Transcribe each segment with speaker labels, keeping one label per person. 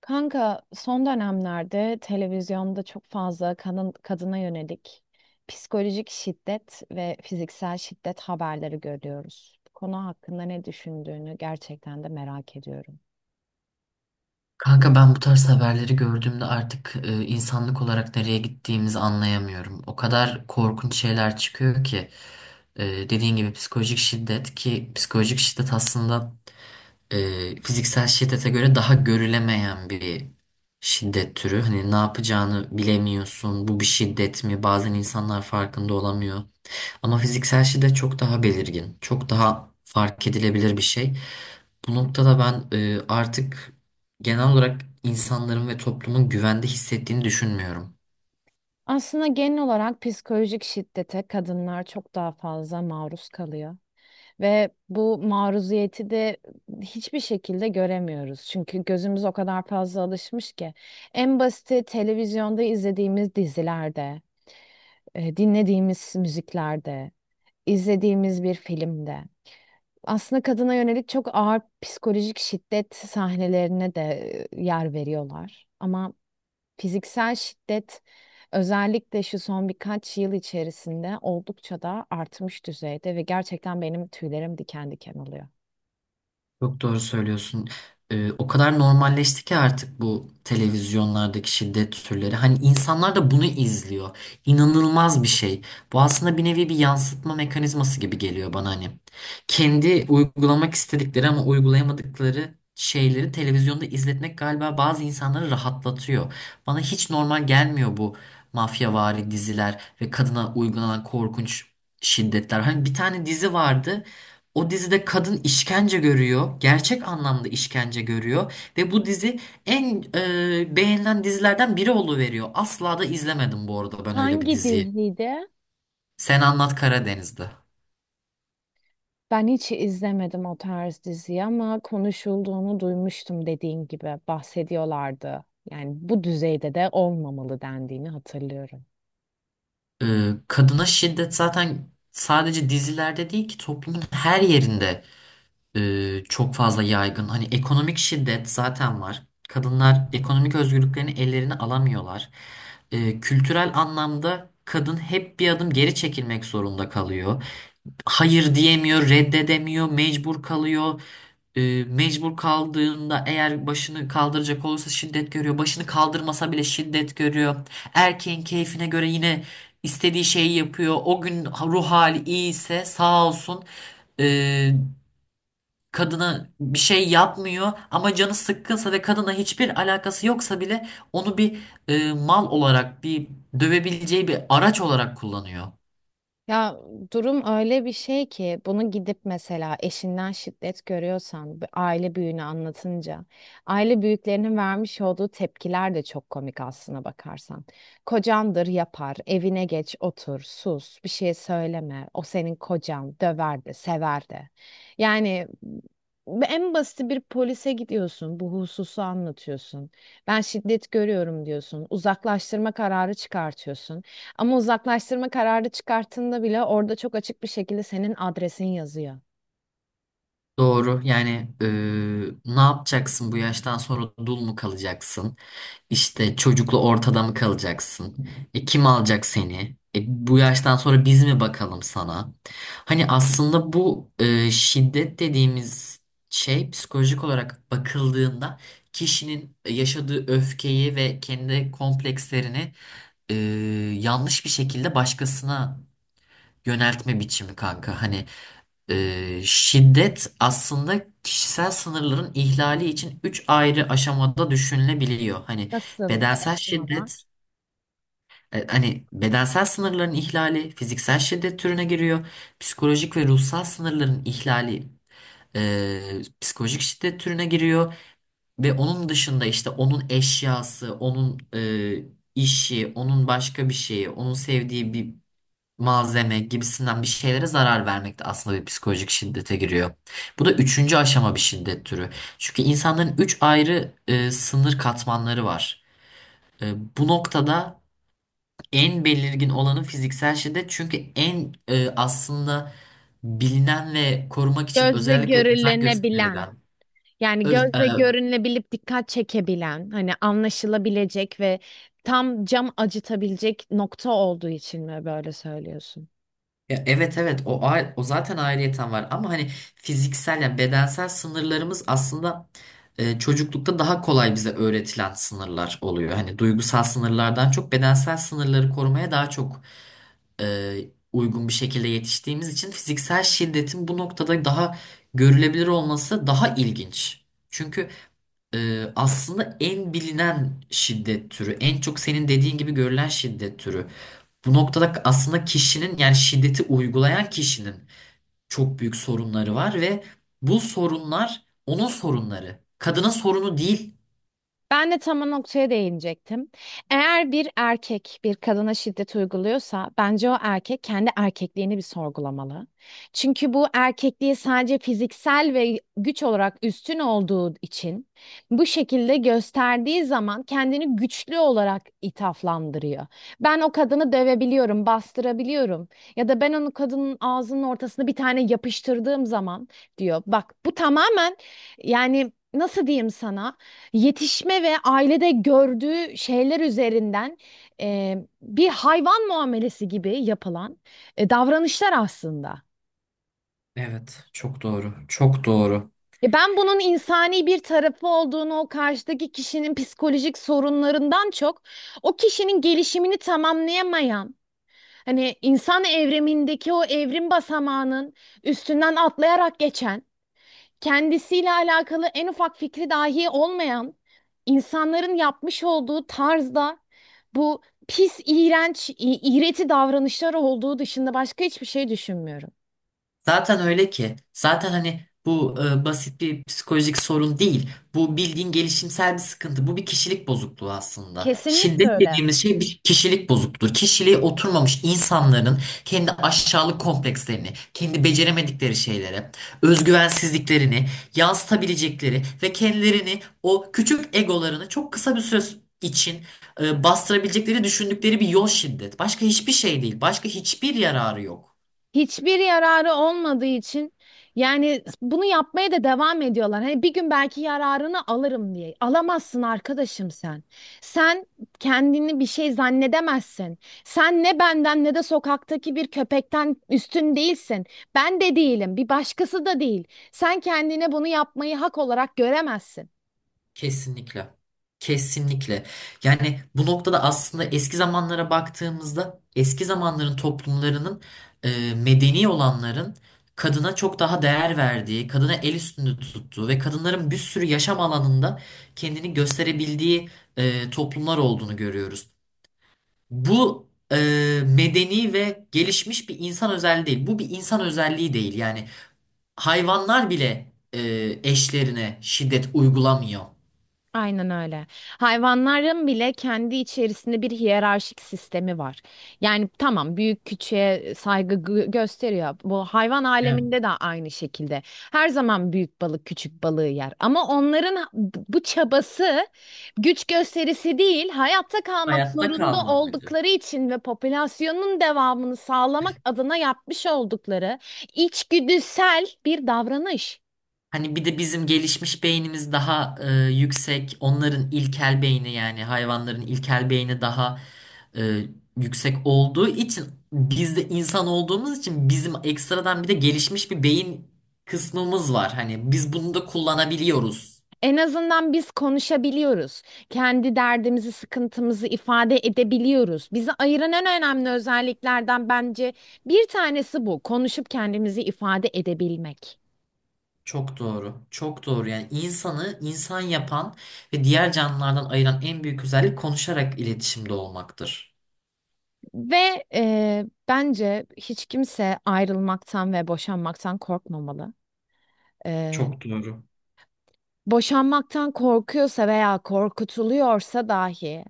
Speaker 1: Kanka son dönemlerde televizyonda çok fazla kadın, kadına yönelik psikolojik şiddet ve fiziksel şiddet haberleri görüyoruz. Bu konu hakkında ne düşündüğünü gerçekten de merak ediyorum.
Speaker 2: Kanka ben bu tarz haberleri gördüğümde artık insanlık olarak nereye gittiğimizi anlayamıyorum. O kadar korkunç şeyler çıkıyor ki dediğin gibi psikolojik şiddet ki psikolojik şiddet aslında fiziksel şiddete göre daha görülemeyen bir şiddet türü. Hani ne yapacağını bilemiyorsun. Bu bir şiddet mi? Bazen insanlar farkında olamıyor. Ama fiziksel şiddet çok daha belirgin, çok daha fark edilebilir bir şey. Bu noktada ben artık genel olarak insanların ve toplumun güvende hissettiğini düşünmüyorum.
Speaker 1: Aslında genel olarak psikolojik şiddete kadınlar çok daha fazla maruz kalıyor ve bu maruziyeti de hiçbir şekilde göremiyoruz. Çünkü gözümüz o kadar fazla alışmış ki en basiti televizyonda izlediğimiz dizilerde dinlediğimiz müziklerde, izlediğimiz bir filmde. Aslında kadına yönelik çok ağır psikolojik şiddet sahnelerine de yer veriyorlar. Ama fiziksel şiddet özellikle şu son birkaç yıl içerisinde oldukça da artmış düzeyde ve gerçekten benim tüylerim diken diken oluyor.
Speaker 2: Çok doğru söylüyorsun. O kadar normalleşti ki artık bu televizyonlardaki şiddet türleri. Hani insanlar da bunu izliyor. İnanılmaz bir şey. Bu aslında bir nevi bir yansıtma mekanizması gibi geliyor bana hani. Kendi uygulamak istedikleri ama uygulayamadıkları şeyleri televizyonda izletmek galiba bazı insanları rahatlatıyor. Bana hiç normal gelmiyor bu mafyavari diziler ve kadına uygulanan korkunç şiddetler. Hani bir tane dizi vardı. O dizide kadın işkence görüyor. Gerçek anlamda işkence görüyor. Ve bu dizi en beğenilen dizilerden biri oluveriyor. Asla da izlemedim bu arada ben öyle bir
Speaker 1: Hangi
Speaker 2: diziyi.
Speaker 1: diziydi?
Speaker 2: Sen Anlat Karadeniz'de.
Speaker 1: Ben hiç izlemedim o tarz diziyi ama konuşulduğunu duymuştum, dediğin gibi bahsediyorlardı. Yani bu düzeyde de olmamalı dendiğini hatırlıyorum.
Speaker 2: E, Kadına şiddet zaten sadece dizilerde değil ki toplumun her yerinde çok fazla yaygın. Hani ekonomik şiddet zaten var. Kadınlar ekonomik özgürlüklerini ellerine alamıyorlar. Kültürel anlamda kadın hep bir adım geri çekilmek zorunda kalıyor. Hayır diyemiyor, reddedemiyor, mecbur kalıyor. Mecbur kaldığında eğer başını kaldıracak olursa şiddet görüyor. Başını kaldırmasa bile şiddet görüyor. Erkeğin keyfine göre yine istediği şeyi yapıyor. O gün ruh hali iyi ise sağ olsun ee, kadına bir şey yapmıyor. Ama canı sıkkınsa ve kadına hiçbir alakası yoksa bile onu bir mal olarak bir dövebileceği bir araç olarak kullanıyor.
Speaker 1: Ya, durum öyle bir şey ki bunu gidip mesela eşinden şiddet görüyorsan bir aile büyüğüne anlatınca aile büyüklerinin vermiş olduğu tepkiler de çok komik aslına bakarsan. Kocandır yapar, evine geç, otur, sus, bir şey söyleme. O senin kocan, döver de, sever de. Yani en basit bir polise gidiyorsun, bu hususu anlatıyorsun. Ben şiddet görüyorum diyorsun. Uzaklaştırma kararı çıkartıyorsun. Ama uzaklaştırma kararı çıkarttığında bile orada çok açık bir şekilde senin adresin yazıyor.
Speaker 2: Doğru. Yani ne yapacaksın bu yaştan sonra dul mu kalacaksın? İşte çocukla ortada mı kalacaksın? Kim alacak seni? Bu yaştan sonra biz mi bakalım sana? Hani aslında bu şiddet dediğimiz şey psikolojik olarak bakıldığında kişinin yaşadığı öfkeyi ve kendi komplekslerini eee, yanlış bir şekilde başkasına yöneltme biçimi kanka. Hani şiddet aslında kişisel sınırların ihlali için üç ayrı aşamada düşünülebiliyor. Hani
Speaker 1: Nasıl bir
Speaker 2: bedensel
Speaker 1: aşamalar?
Speaker 2: şiddet, hani bedensel sınırların ihlali fiziksel şiddet türüne giriyor. Psikolojik ve ruhsal sınırların ihlali psikolojik şiddet türüne giriyor. Ve onun dışında işte onun eşyası, onun işi, onun başka bir şeyi, onun sevdiği bir malzeme gibisinden bir şeylere zarar vermek de aslında bir psikolojik şiddete giriyor. Bu da üçüncü aşama bir şiddet türü. Çünkü insanların üç ayrı sınır katmanları var. E, Bu noktada en belirgin olanı fiziksel şiddet. Çünkü en aslında bilinen ve korumak için
Speaker 1: Gözle
Speaker 2: özellikle özen
Speaker 1: görülenebilen,
Speaker 2: gösterilen,
Speaker 1: yani
Speaker 2: öz- e,
Speaker 1: gözle görünebilip dikkat çekebilen, hani anlaşılabilecek ve tam cam acıtabilecek nokta olduğu için mi böyle söylüyorsun?
Speaker 2: ya evet evet o o zaten ayrıyeten var ama hani fiziksel yani bedensel sınırlarımız aslında çocuklukta daha kolay bize öğretilen sınırlar oluyor. Hani duygusal sınırlardan çok bedensel sınırları korumaya daha çok e, uygun bir şekilde yetiştiğimiz için fiziksel şiddetin bu noktada daha görülebilir olması daha ilginç. Çünkü aslında en bilinen şiddet türü, en çok senin dediğin gibi görülen şiddet türü. Bu noktada aslında kişinin yani şiddeti uygulayan kişinin çok büyük sorunları var ve bu sorunlar onun sorunları. Kadının sorunu değil.
Speaker 1: Ben de tam o noktaya değinecektim. Eğer bir erkek bir kadına şiddet uyguluyorsa bence o erkek kendi erkekliğini bir sorgulamalı. Çünkü bu erkekliği sadece fiziksel ve güç olarak üstün olduğu için bu şekilde gösterdiği zaman kendini güçlü olarak ithaflandırıyor. Ben o kadını dövebiliyorum, bastırabiliyorum ya da ben onu kadının ağzının ortasına bir tane yapıştırdığım zaman diyor. Bak bu tamamen, yani nasıl diyeyim sana? Yetişme ve ailede gördüğü şeyler üzerinden e, bir hayvan muamelesi gibi yapılan davranışlar aslında.
Speaker 2: Evet, çok doğru. Çok doğru.
Speaker 1: Ben bunun insani bir tarafı olduğunu, o karşıdaki kişinin psikolojik sorunlarından çok o kişinin gelişimini tamamlayamayan, hani insan evrimindeki o evrim basamağının üstünden atlayarak geçen kendisiyle alakalı en ufak fikri dahi olmayan insanların yapmış olduğu tarzda bu pis, iğrenç, iğreti davranışlar olduğu dışında başka hiçbir şey düşünmüyorum.
Speaker 2: Zaten öyle ki. Zaten hani bu basit bir psikolojik sorun değil. Bu bildiğin gelişimsel bir sıkıntı. Bu bir kişilik bozukluğu aslında.
Speaker 1: Kesinlikle
Speaker 2: Şiddet
Speaker 1: öyle.
Speaker 2: dediğimiz şey bir kişilik bozukluğu. Kişiliği oturmamış insanların kendi aşağılık komplekslerini, kendi beceremedikleri şeylere, özgüvensizliklerini yansıtabilecekleri ve kendilerini o küçük egolarını çok kısa bir süre için bastırabilecekleri düşündükleri bir yol şiddet. Başka hiçbir şey değil. Başka hiçbir yararı yok.
Speaker 1: Hiçbir yararı olmadığı için yani bunu yapmaya da devam ediyorlar. Hani bir gün belki yararını alırım diye. Alamazsın arkadaşım sen. Sen kendini bir şey zannedemezsin. Sen ne benden ne de sokaktaki bir köpekten üstün değilsin. Ben de değilim, bir başkası da değil. Sen kendine bunu yapmayı hak olarak göremezsin.
Speaker 2: Kesinlikle. Kesinlikle. Yani bu noktada aslında eski zamanlara baktığımızda eski zamanların toplumlarının medeni olanların kadına çok daha değer verdiği, kadına el üstünde tuttuğu ve kadınların bir sürü yaşam alanında kendini gösterebildiği toplumlar olduğunu görüyoruz. Bu medeni ve gelişmiş bir insan özelliği değil. Bu bir insan özelliği değil. Yani hayvanlar bile eşlerine şiddet uygulamıyor.
Speaker 1: Aynen öyle. Hayvanların bile kendi içerisinde bir hiyerarşik sistemi var. Yani tamam, büyük küçüğe saygı gösteriyor. Bu hayvan aleminde de aynı şekilde. Her zaman büyük balık küçük balığı yer. Ama onların bu çabası güç gösterisi değil, hayatta kalmak
Speaker 2: Hayatta
Speaker 1: zorunda
Speaker 2: kalma amacı.
Speaker 1: oldukları için ve popülasyonun devamını sağlamak adına yapmış oldukları içgüdüsel bir davranış.
Speaker 2: Hani bir de bizim gelişmiş beynimiz daha yüksek. Onların ilkel beyni yani hayvanların ilkel beyni daha e, yüksek olduğu için biz de insan olduğumuz için bizim ekstradan bir de gelişmiş bir beyin kısmımız var. Hani biz bunu da kullanabiliyoruz.
Speaker 1: En azından biz konuşabiliyoruz. Kendi derdimizi, sıkıntımızı ifade edebiliyoruz. Bizi ayıran en önemli özelliklerden bence bir tanesi bu. Konuşup kendimizi ifade edebilmek.
Speaker 2: Çok doğru. Çok doğru. Yani insanı insan yapan ve diğer canlılardan ayıran en büyük özellik konuşarak iletişimde olmaktır.
Speaker 1: Ve bence hiç kimse ayrılmaktan ve boşanmaktan korkmamalı. E,
Speaker 2: Çok doğru.
Speaker 1: Boşanmaktan korkuyorsa veya korkutuluyorsa dahi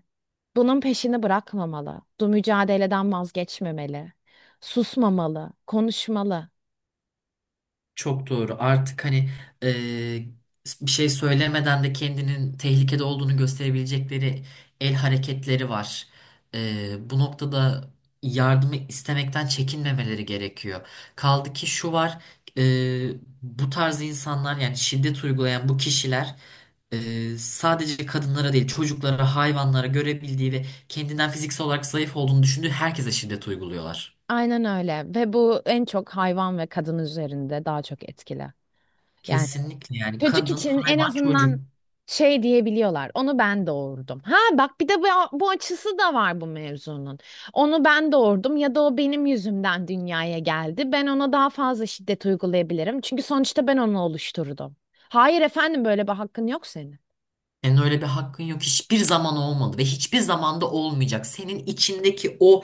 Speaker 1: bunun peşini bırakmamalı. Bu mücadeleden vazgeçmemeli. Susmamalı, konuşmalı.
Speaker 2: Çok doğru. Artık hani eee, bir şey söylemeden de kendinin tehlikede olduğunu gösterebilecekleri el hareketleri var. Bu noktada yardımı istemekten çekinmemeleri gerekiyor. Kaldı ki şu var, bu tarz insanlar yani şiddet uygulayan bu kişiler sadece kadınlara değil çocuklara, hayvanlara görebildiği ve kendinden fiziksel olarak zayıf olduğunu düşündüğü herkese şiddet uyguluyorlar.
Speaker 1: Aynen öyle ve bu en çok hayvan ve kadın üzerinde daha çok etkili. Yani
Speaker 2: Kesinlikle yani
Speaker 1: çocuk
Speaker 2: kadın,
Speaker 1: için en
Speaker 2: hayvan, çocuk.
Speaker 1: azından şey diyebiliyorlar. Onu ben doğurdum. Ha bak, bir de bu, bu açısı da var bu mevzunun. Onu ben doğurdum ya da o benim yüzümden dünyaya geldi. Ben ona daha fazla şiddet uygulayabilirim. Çünkü sonuçta ben onu oluşturdum. Hayır efendim, böyle bir hakkın yok senin.
Speaker 2: Senin öyle bir hakkın yok. Hiçbir zaman olmadı ve hiçbir zamanda olmayacak. Senin içindeki o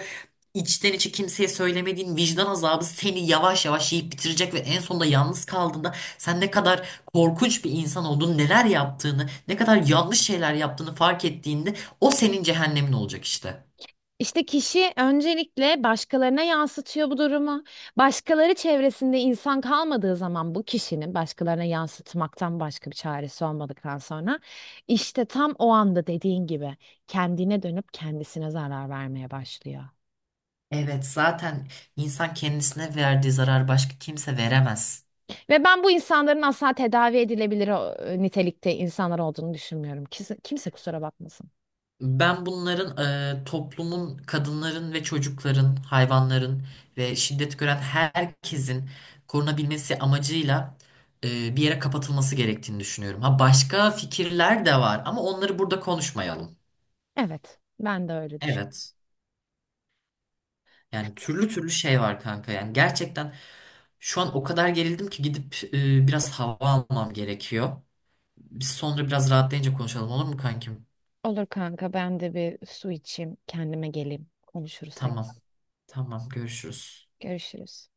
Speaker 2: içten içe kimseye söylemediğin vicdan azabı seni yavaş yavaş yiyip bitirecek ve en sonunda yalnız kaldığında sen ne kadar korkunç bir insan olduğunu, neler yaptığını, ne kadar yanlış şeyler yaptığını fark ettiğinde o senin cehennemin olacak işte.
Speaker 1: İşte kişi öncelikle başkalarına yansıtıyor bu durumu. Başkaları çevresinde insan kalmadığı zaman bu kişinin başkalarına yansıtmaktan başka bir çaresi olmadıktan sonra işte tam o anda dediğin gibi kendine dönüp kendisine zarar vermeye başlıyor.
Speaker 2: Evet, zaten insan kendisine verdiği zarar başka kimse veremez.
Speaker 1: Ve ben bu insanların asla tedavi edilebilir nitelikte insanlar olduğunu düşünmüyorum. Kimse, kimse kusura bakmasın.
Speaker 2: Ben bunların toplumun, kadınların ve çocukların, hayvanların ve şiddet gören herkesin korunabilmesi amacıyla bir yere kapatılması gerektiğini düşünüyorum. Ha başka fikirler de var ama onları burada konuşmayalım.
Speaker 1: Evet, ben de öyle düşünüyorum.
Speaker 2: Evet. Yani türlü türlü şey var kanka. Yani gerçekten şu an o kadar gerildim ki gidip biraz hava almam gerekiyor. Biz sonra biraz rahatlayınca konuşalım olur mu kankim?
Speaker 1: Olur kanka, ben de bir su içeyim, kendime geleyim, konuşuruz
Speaker 2: Tamam.
Speaker 1: tekrar.
Speaker 2: Tamam görüşürüz.
Speaker 1: Görüşürüz.